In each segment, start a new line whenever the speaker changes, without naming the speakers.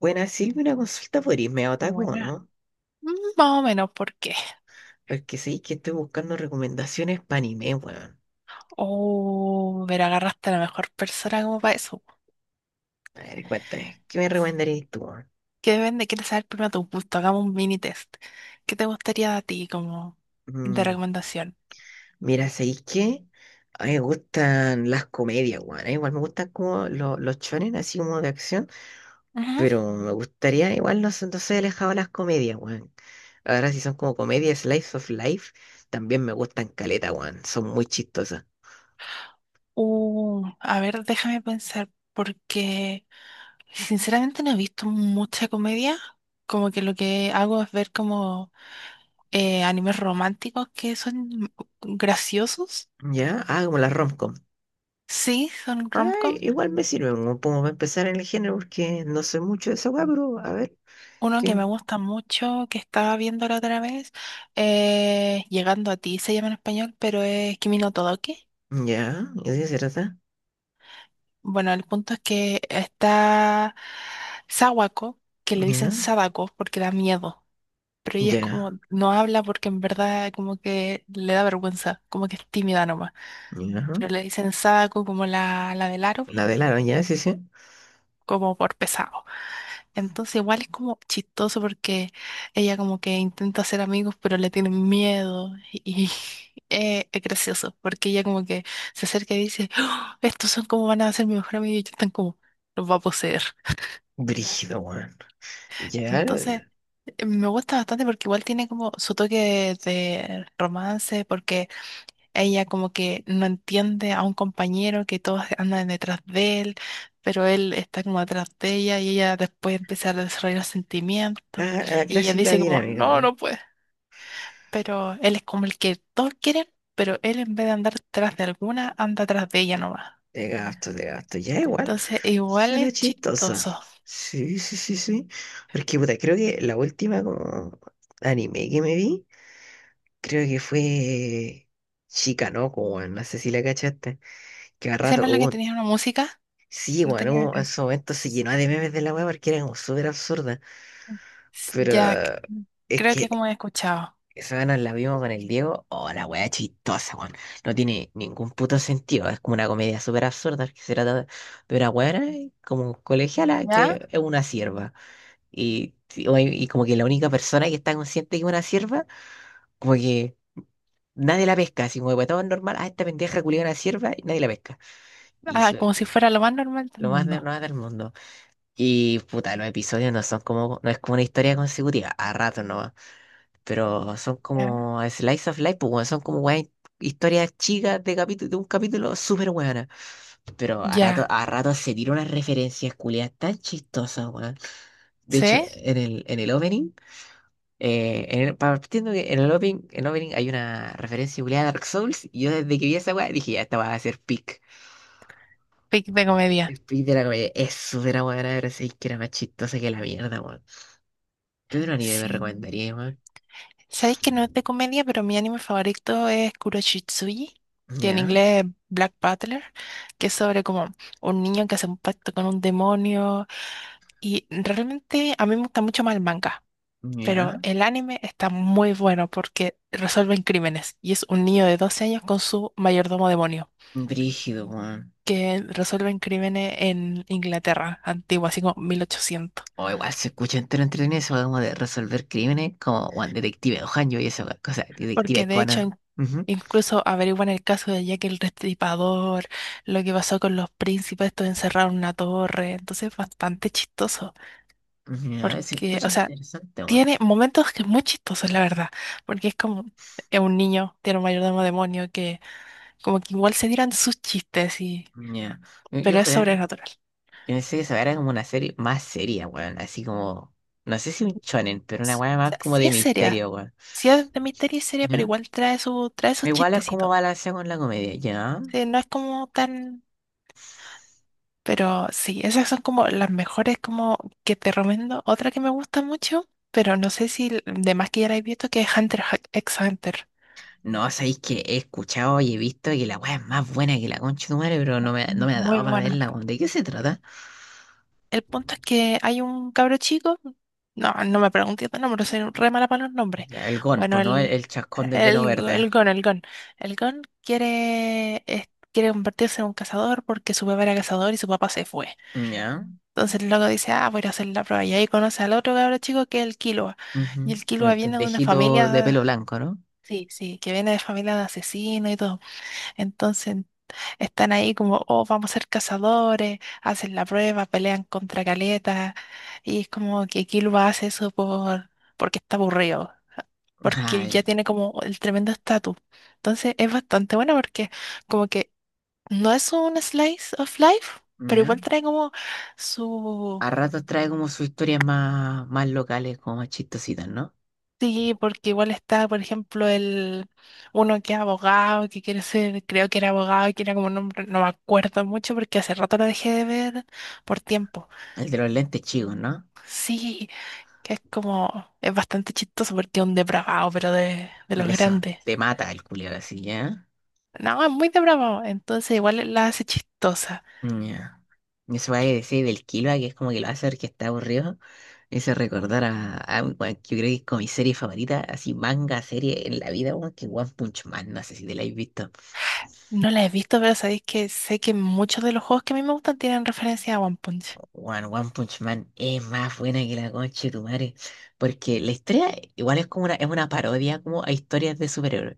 Bueno, Silvia, una consulta, ¿por irme otaku, o
Buena.
no?
Mm, Más o menos, ¿por qué?
Porque sí que estoy buscando recomendaciones para anime, weón.
Oh, pero agarraste a la mejor persona como para eso.
A ver, cuéntame, ¿qué me recomendarías tú, weón?
¿Que depende? ¿Quieres saber primero tu gusto? Hagamos un mini test. ¿Qué te gustaría a ti como de
Mm,
recomendación?
mira, ¿sabéis qué? A mí me gustan las comedias, weón. Igual me gustan como los chones, así como de acción.
Ujú.
Pero me gustaría, igual no, sé, no soy alejado de las comedias, weón. Ahora si son como comedias Slice of Life, también me gustan caleta, weón. Son muy chistosas.
A ver, déjame pensar, porque sinceramente no he visto mucha comedia. Como que lo que hago es ver como animes románticos que son graciosos.
¿Ya? Ah, como las rom.
Sí, son
Ya,
rom.
igual me sirve como para empezar en el género porque no sé mucho de esa weá, pero a ver,
Uno que me
¿quién?
gusta mucho, que estaba viendo la otra vez, Llegando a ti, se llama en español, pero es Kimi no Todoke.
Ya, ¿y de qué se trata?
Bueno, el punto es que está Sawako, que le dicen
Ya,
Sadako porque da miedo, pero ella es
ya,
como, no habla porque en verdad como que le da vergüenza, como que es tímida nomás,
ya.
pero le dicen Sadako como la del aro,
La velaron, ya, sí, sí.
como por pesado. Entonces igual es como chistoso porque ella como que intenta hacer amigos pero le tienen miedo y es gracioso porque ella como que se acerca y dice: "Oh, estos son como van a ser mi mejor amigo" y ellos están como, los va a poseer.
Brígido, weón. Ya,
Entonces me gusta bastante porque igual tiene como su toque de romance porque ella como que no entiende a un compañero que todos andan detrás de él, pero él está como atrás de ella y ella después empieza a desarrollar sentimientos.
la
Y ella
clásica
dice como,
dinámica,
no,
weón.
no puede. Pero él es como el que todos quieren, pero él en vez de andar detrás de alguna, anda atrás de ella nomás.
De gasto, ya igual.
Entonces, igual
Suena
es
chistosa.
chistoso.
Sí, sí, sí, sí. Porque, puta, creo que la última como anime que me vi, creo que fue Chica, ¿no? Como, no sé si la cachaste. Que a
¿Esa
rato
no es la que
hubo.
tenía una música?
Sí,
No
bueno,
tenía una
uno en
canción.
su momento se llenó de memes de la weá porque era como súper absurda.
S-
Pero
Ya, c-
es
creo que
que
como he escuchado.
esa vez nos la vimos con el Diego. Oh, la weá chistosa, weón. No tiene ningún puto sentido. Es como una comedia súper absurda que se trata de una weá como colegiala
¿Ya?
que es una sierva. Y como que la única persona que está consciente que es una sierva, como que nadie la pesca. Así como que para todos es normal. Ah, esta pendeja culiada una sierva y nadie la pesca. Y
Ah, como si fuera lo más normal del
lo más, lo
mundo.
más del mundo. Y puta, los episodios no son como, no es como una historia consecutiva, a ratos nomás, pero son
Ya.
como slice of life, pues weón, son como weón, historias chicas de capítulo, de un capítulo súper buena. Pero
Ya.
a rato se tira unas referencias culiadas tan chistosas, weón. De hecho,
¿Sí?
en el opening, en partiendo que en el opening hay una referencia culiada a Dark Souls, y yo desde que vi esa weá dije, ya esta va a ser pick.
Pick de comedia.
El pick de la comedia es súper buena, pero sí que era más chistosa que la mierda, weón. ¿Qué otro anime me
Sí.
recomendaría, weón?
¿Sabéis que no es de comedia, pero mi anime favorito es Kuroshitsuji, que en
Ya,
inglés es Black Butler, que es sobre como un niño que hace un pacto con un demonio? Y realmente a mí me gusta mucho más el manga, pero
ya.
el anime está muy bueno porque resuelven crímenes. Y es un niño de 12 años con su mayordomo demonio,
Brígido, weón.
que resuelven crímenes en Inglaterra antigua, así como 1800.
O igual se escucha entero entretenido eso como de resolver crímenes, como weón, Detective Ohanyo y esa weá, cosa,
Porque
Detective
de hecho
Conan.
in-
Ujú.
incluso averiguan el caso de Jack el Restripador, lo que pasó con los príncipes, estos encerrados en una torre, entonces es bastante chistoso,
Ya, se
porque,
escucha
o sea,
interesante, weón.
tiene momentos que es muy chistoso, la verdad, porque es como es un niño, tiene un mayordomo demonio que como que igual se tiran sus chistes y
Ya. Yo
pero es
juraba que
sobrenatural.
pensé que esa weá era como una serie más seria, weón. Así como, no sé si un shonen, pero una
S-
weá
O
más
sea,
como
sí
de
es seria,
misterio, weón.
sí es de misterio y seria, pero
Ya.
igual trae su trae sus
Igual es como
chistecitos.
balancear con la comedia, ya.
Sí, no es como tan. Pero sí, esas son como las mejores como que te recomiendo. Otra que me gusta mucho, pero no sé si l- de más que ya la he visto, que es Hunter ha- x Hunter.
No, sabéis que he escuchado y he visto que la weá es más buena que la concha de tu madre, pero no me ha
Muy
dado para
buena.
verla, weón. ¿De qué se trata?
El punto es que hay un cabro chico, no, no me pregunté el nombre, soy re mala para los nombres.
Ya, el gon,
Bueno,
pues no el,
el,
el chascón de pelo
el,
verde.
el Gon, el Gon. El Gon quiere, es- quiere convertirse en un cazador porque su papá era cazador y su papá se fue.
Ya.
Entonces el loco dice, ah, voy a ir a hacer la prueba. Y ahí conoce al otro cabro chico que es el Killua. Y
Ujú.
el Killua
El
viene de una
pendejito de pelo
familia,
blanco, ¿no?
sí, sí, que viene de familia de asesinos y todo. Entonces están ahí como, oh, vamos a ser cazadores, hacen la prueba, pelean contra Caleta. Y es como que Killua hace eso por, porque está aburrido, porque
Ah,
él
ya.
ya tiene como el tremendo estatus. Entonces es bastante bueno porque como que no es un slice of life, pero
Ya.
igual trae como su.
A ratos trae como sus historias más, más locales, como más chistositas, ¿no?
Sí, porque igual está, por ejemplo, el uno que es abogado, que quiere ser, creo que era abogado, que era como un nombre, no me acuerdo mucho porque hace rato lo dejé de ver por tiempo.
El de los lentes chicos, ¿no?
Sí, que es como, es bastante chistoso porque es un depravado, pero de los
De eso.
grandes.
Te mata el culiao así, ¿ya?
No, es muy depravado, entonces igual la hace chistosa.
Ya. Eso va a decir del Killua, que es como que lo hace ver que está aburrido. Ese recordar a bueno, yo creo que es como mi serie favorita, así manga, serie en la vida, weón, que One Punch Man, no sé si te la habéis visto.
No la he visto, pero sabéis que sé que muchos de los juegos que a mí me gustan tienen referencia a One Punch.
One Punch Man es más buena que la concha de tu madre, porque la historia igual es como una, es una parodia como a historias de superhéroes.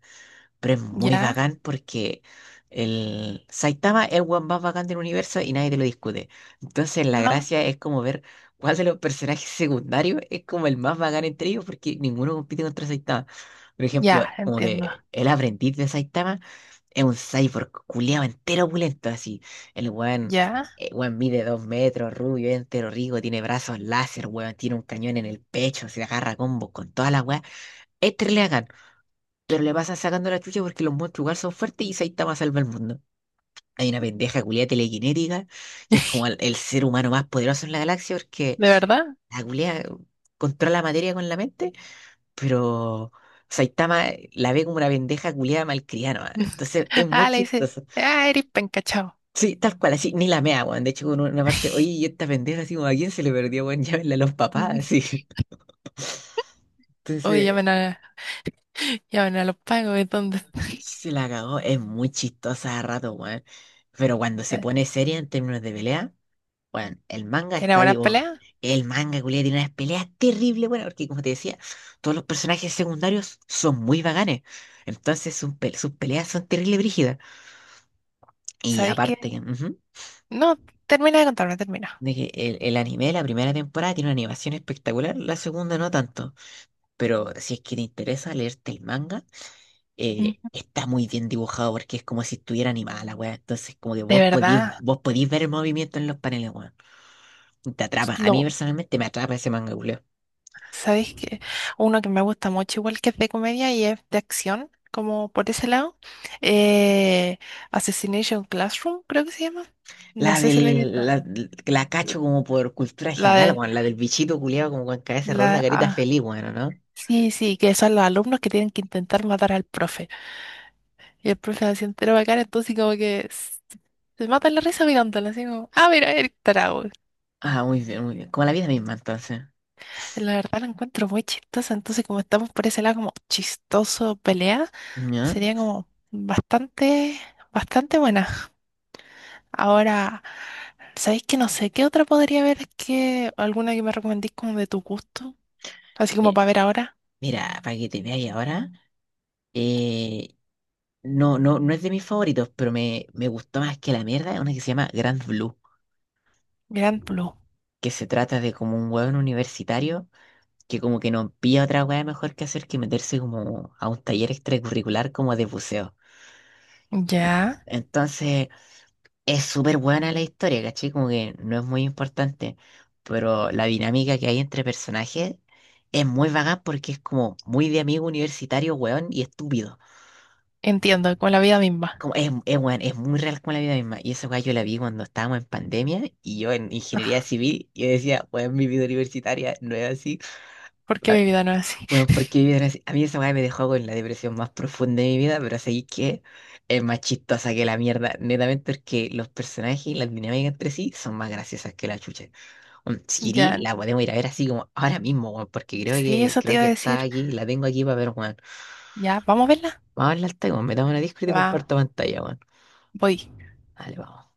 Pero es muy
¿Ya?
bacán porque el Saitama es el weón más bacán del universo y nadie te lo discute. Entonces la
¿No?
gracia es como ver cuál de los personajes secundarios es como el más bacán entre ellos porque ninguno compite contra Saitama. Por ejemplo,
Ya,
como
entiendo.
que el aprendiz de Saitama es un cyborg culiado entero opulento así. El weón,
¿Ya?
el weón mide 2 metros, rubio, es entero rico, tiene brazos láser, weón, tiene un cañón en el pecho, se agarra a combos con toda la weá. Este le hagan pero le pasa sacando la chucha porque los monstruos igual son fuertes y Saitama salva el mundo. Hay una pendeja culia telequinética que es como el ser humano más poderoso en la galaxia porque
¿De verdad?
la culia controla la materia con la mente, pero Saitama la ve como una pendeja culia malcriada nomás. Entonces es muy
Ah, le dice,
chistoso.
ah, eres penca, chao.
Sí, tal cual, así, ni la mea, weón. De hecho, en una parte, oye, ¿y esta pendeja así como a quién se le perdió, weón? Llámenle a los papás, así.
Oye,
Entonces,
llamen a, llamen a los pagos, ¿y dónde está?
se la cagó. Es muy chistosa a rato, weón. Pero cuando se pone seria en términos de pelea. Bueno, el manga
¿Tiene
está
buena
vivo.
pelea?
El manga, culiao, tiene unas peleas terribles, bueno, porque como te decía, todos los personajes secundarios son muy vaganes. Entonces sus, sus peleas son terribles brígidas. Y
¿Sabéis qué?
aparte, que, ujú,
No, termina de contarme, termina.
de que el anime, la primera temporada, tiene una animación espectacular, la segunda no tanto. Pero si es que te interesa leerte el manga,
Ujú.
está muy bien dibujado porque es como si estuviera animada la weá. Entonces, como que
De
vos podís,
verdad,
vos podís ver el movimiento en los paneles, weón. Te atrapa. A mí
lo,
personalmente me atrapa ese manga, culiao.
¿sabéis qué? Uno que me gusta mucho, igual que es de comedia y es de acción, como por ese lado. Eh, Assassination Classroom, creo que se llama. No
La
sé si la he visto.
del, la, la cacho como por cultura
La
general,
de,
weón. La del bichito culiado como con cabeza redonda,
la,
carita
ah,
feliz, bueno, ¿no?
sí, sí, que son los alumnos que tienen que intentar matar al profe. Y el profe se entero bacán, entonces como que s- se mata la risa mirándolo, así como, ah, mira, el tarado.
Ah, muy bien, muy bien. Como la vida misma, entonces.
La verdad la encuentro muy chistosa, entonces como estamos por ese lado como chistoso pelea,
¿Ya?
sería como bastante, bastante buena. Ahora, ¿sabéis que no sé qué otra podría haber que alguna que me recomendéis como de tu gusto? Así como
Mi-
para ver ahora,
Mira, para que te veáis ahora, eh, no, no es de mis favoritos, pero me gustó más que la mierda, una que se llama Grand Blue,
Grand Blue.
que se trata de como un hueón universitario que como que no pilla otra hueá mejor que hacer que meterse como a un taller extracurricular como de buceo.
Ya,
Entonces, es súper buena la historia, ¿cachai? Como que no es muy importante, pero la dinámica que hay entre personajes es muy vaga porque es como muy de amigo universitario, weón, y estúpido.
entiendo, con la vida misma,
Como es, weón, es muy real con la vida misma. Y esa weá yo la vi cuando estábamos en pandemia y yo en ingeniería civil, yo decía, weón, mi vida universitaria no es así.
porque mi vida no es así.
Bueno, porque vivir así- a mí esa weá me dejó con la depresión más profunda de mi vida, pero así que es más chistosa que la mierda, netamente porque los personajes y las dinámicas entre sí son más graciosas que la chucha. Un Siri
Ya,
la podemos ir a ver así como ahora mismo, weón, porque
sí, eso te
creo
iba a
que está
decir.
aquí, la tengo aquí para ver, weón.
Ya, vamos a verla.
Vamos a hablar, weón, metamos una Discord y te
Va,
comparto pantalla, weón.
voy.
Dale, vamos.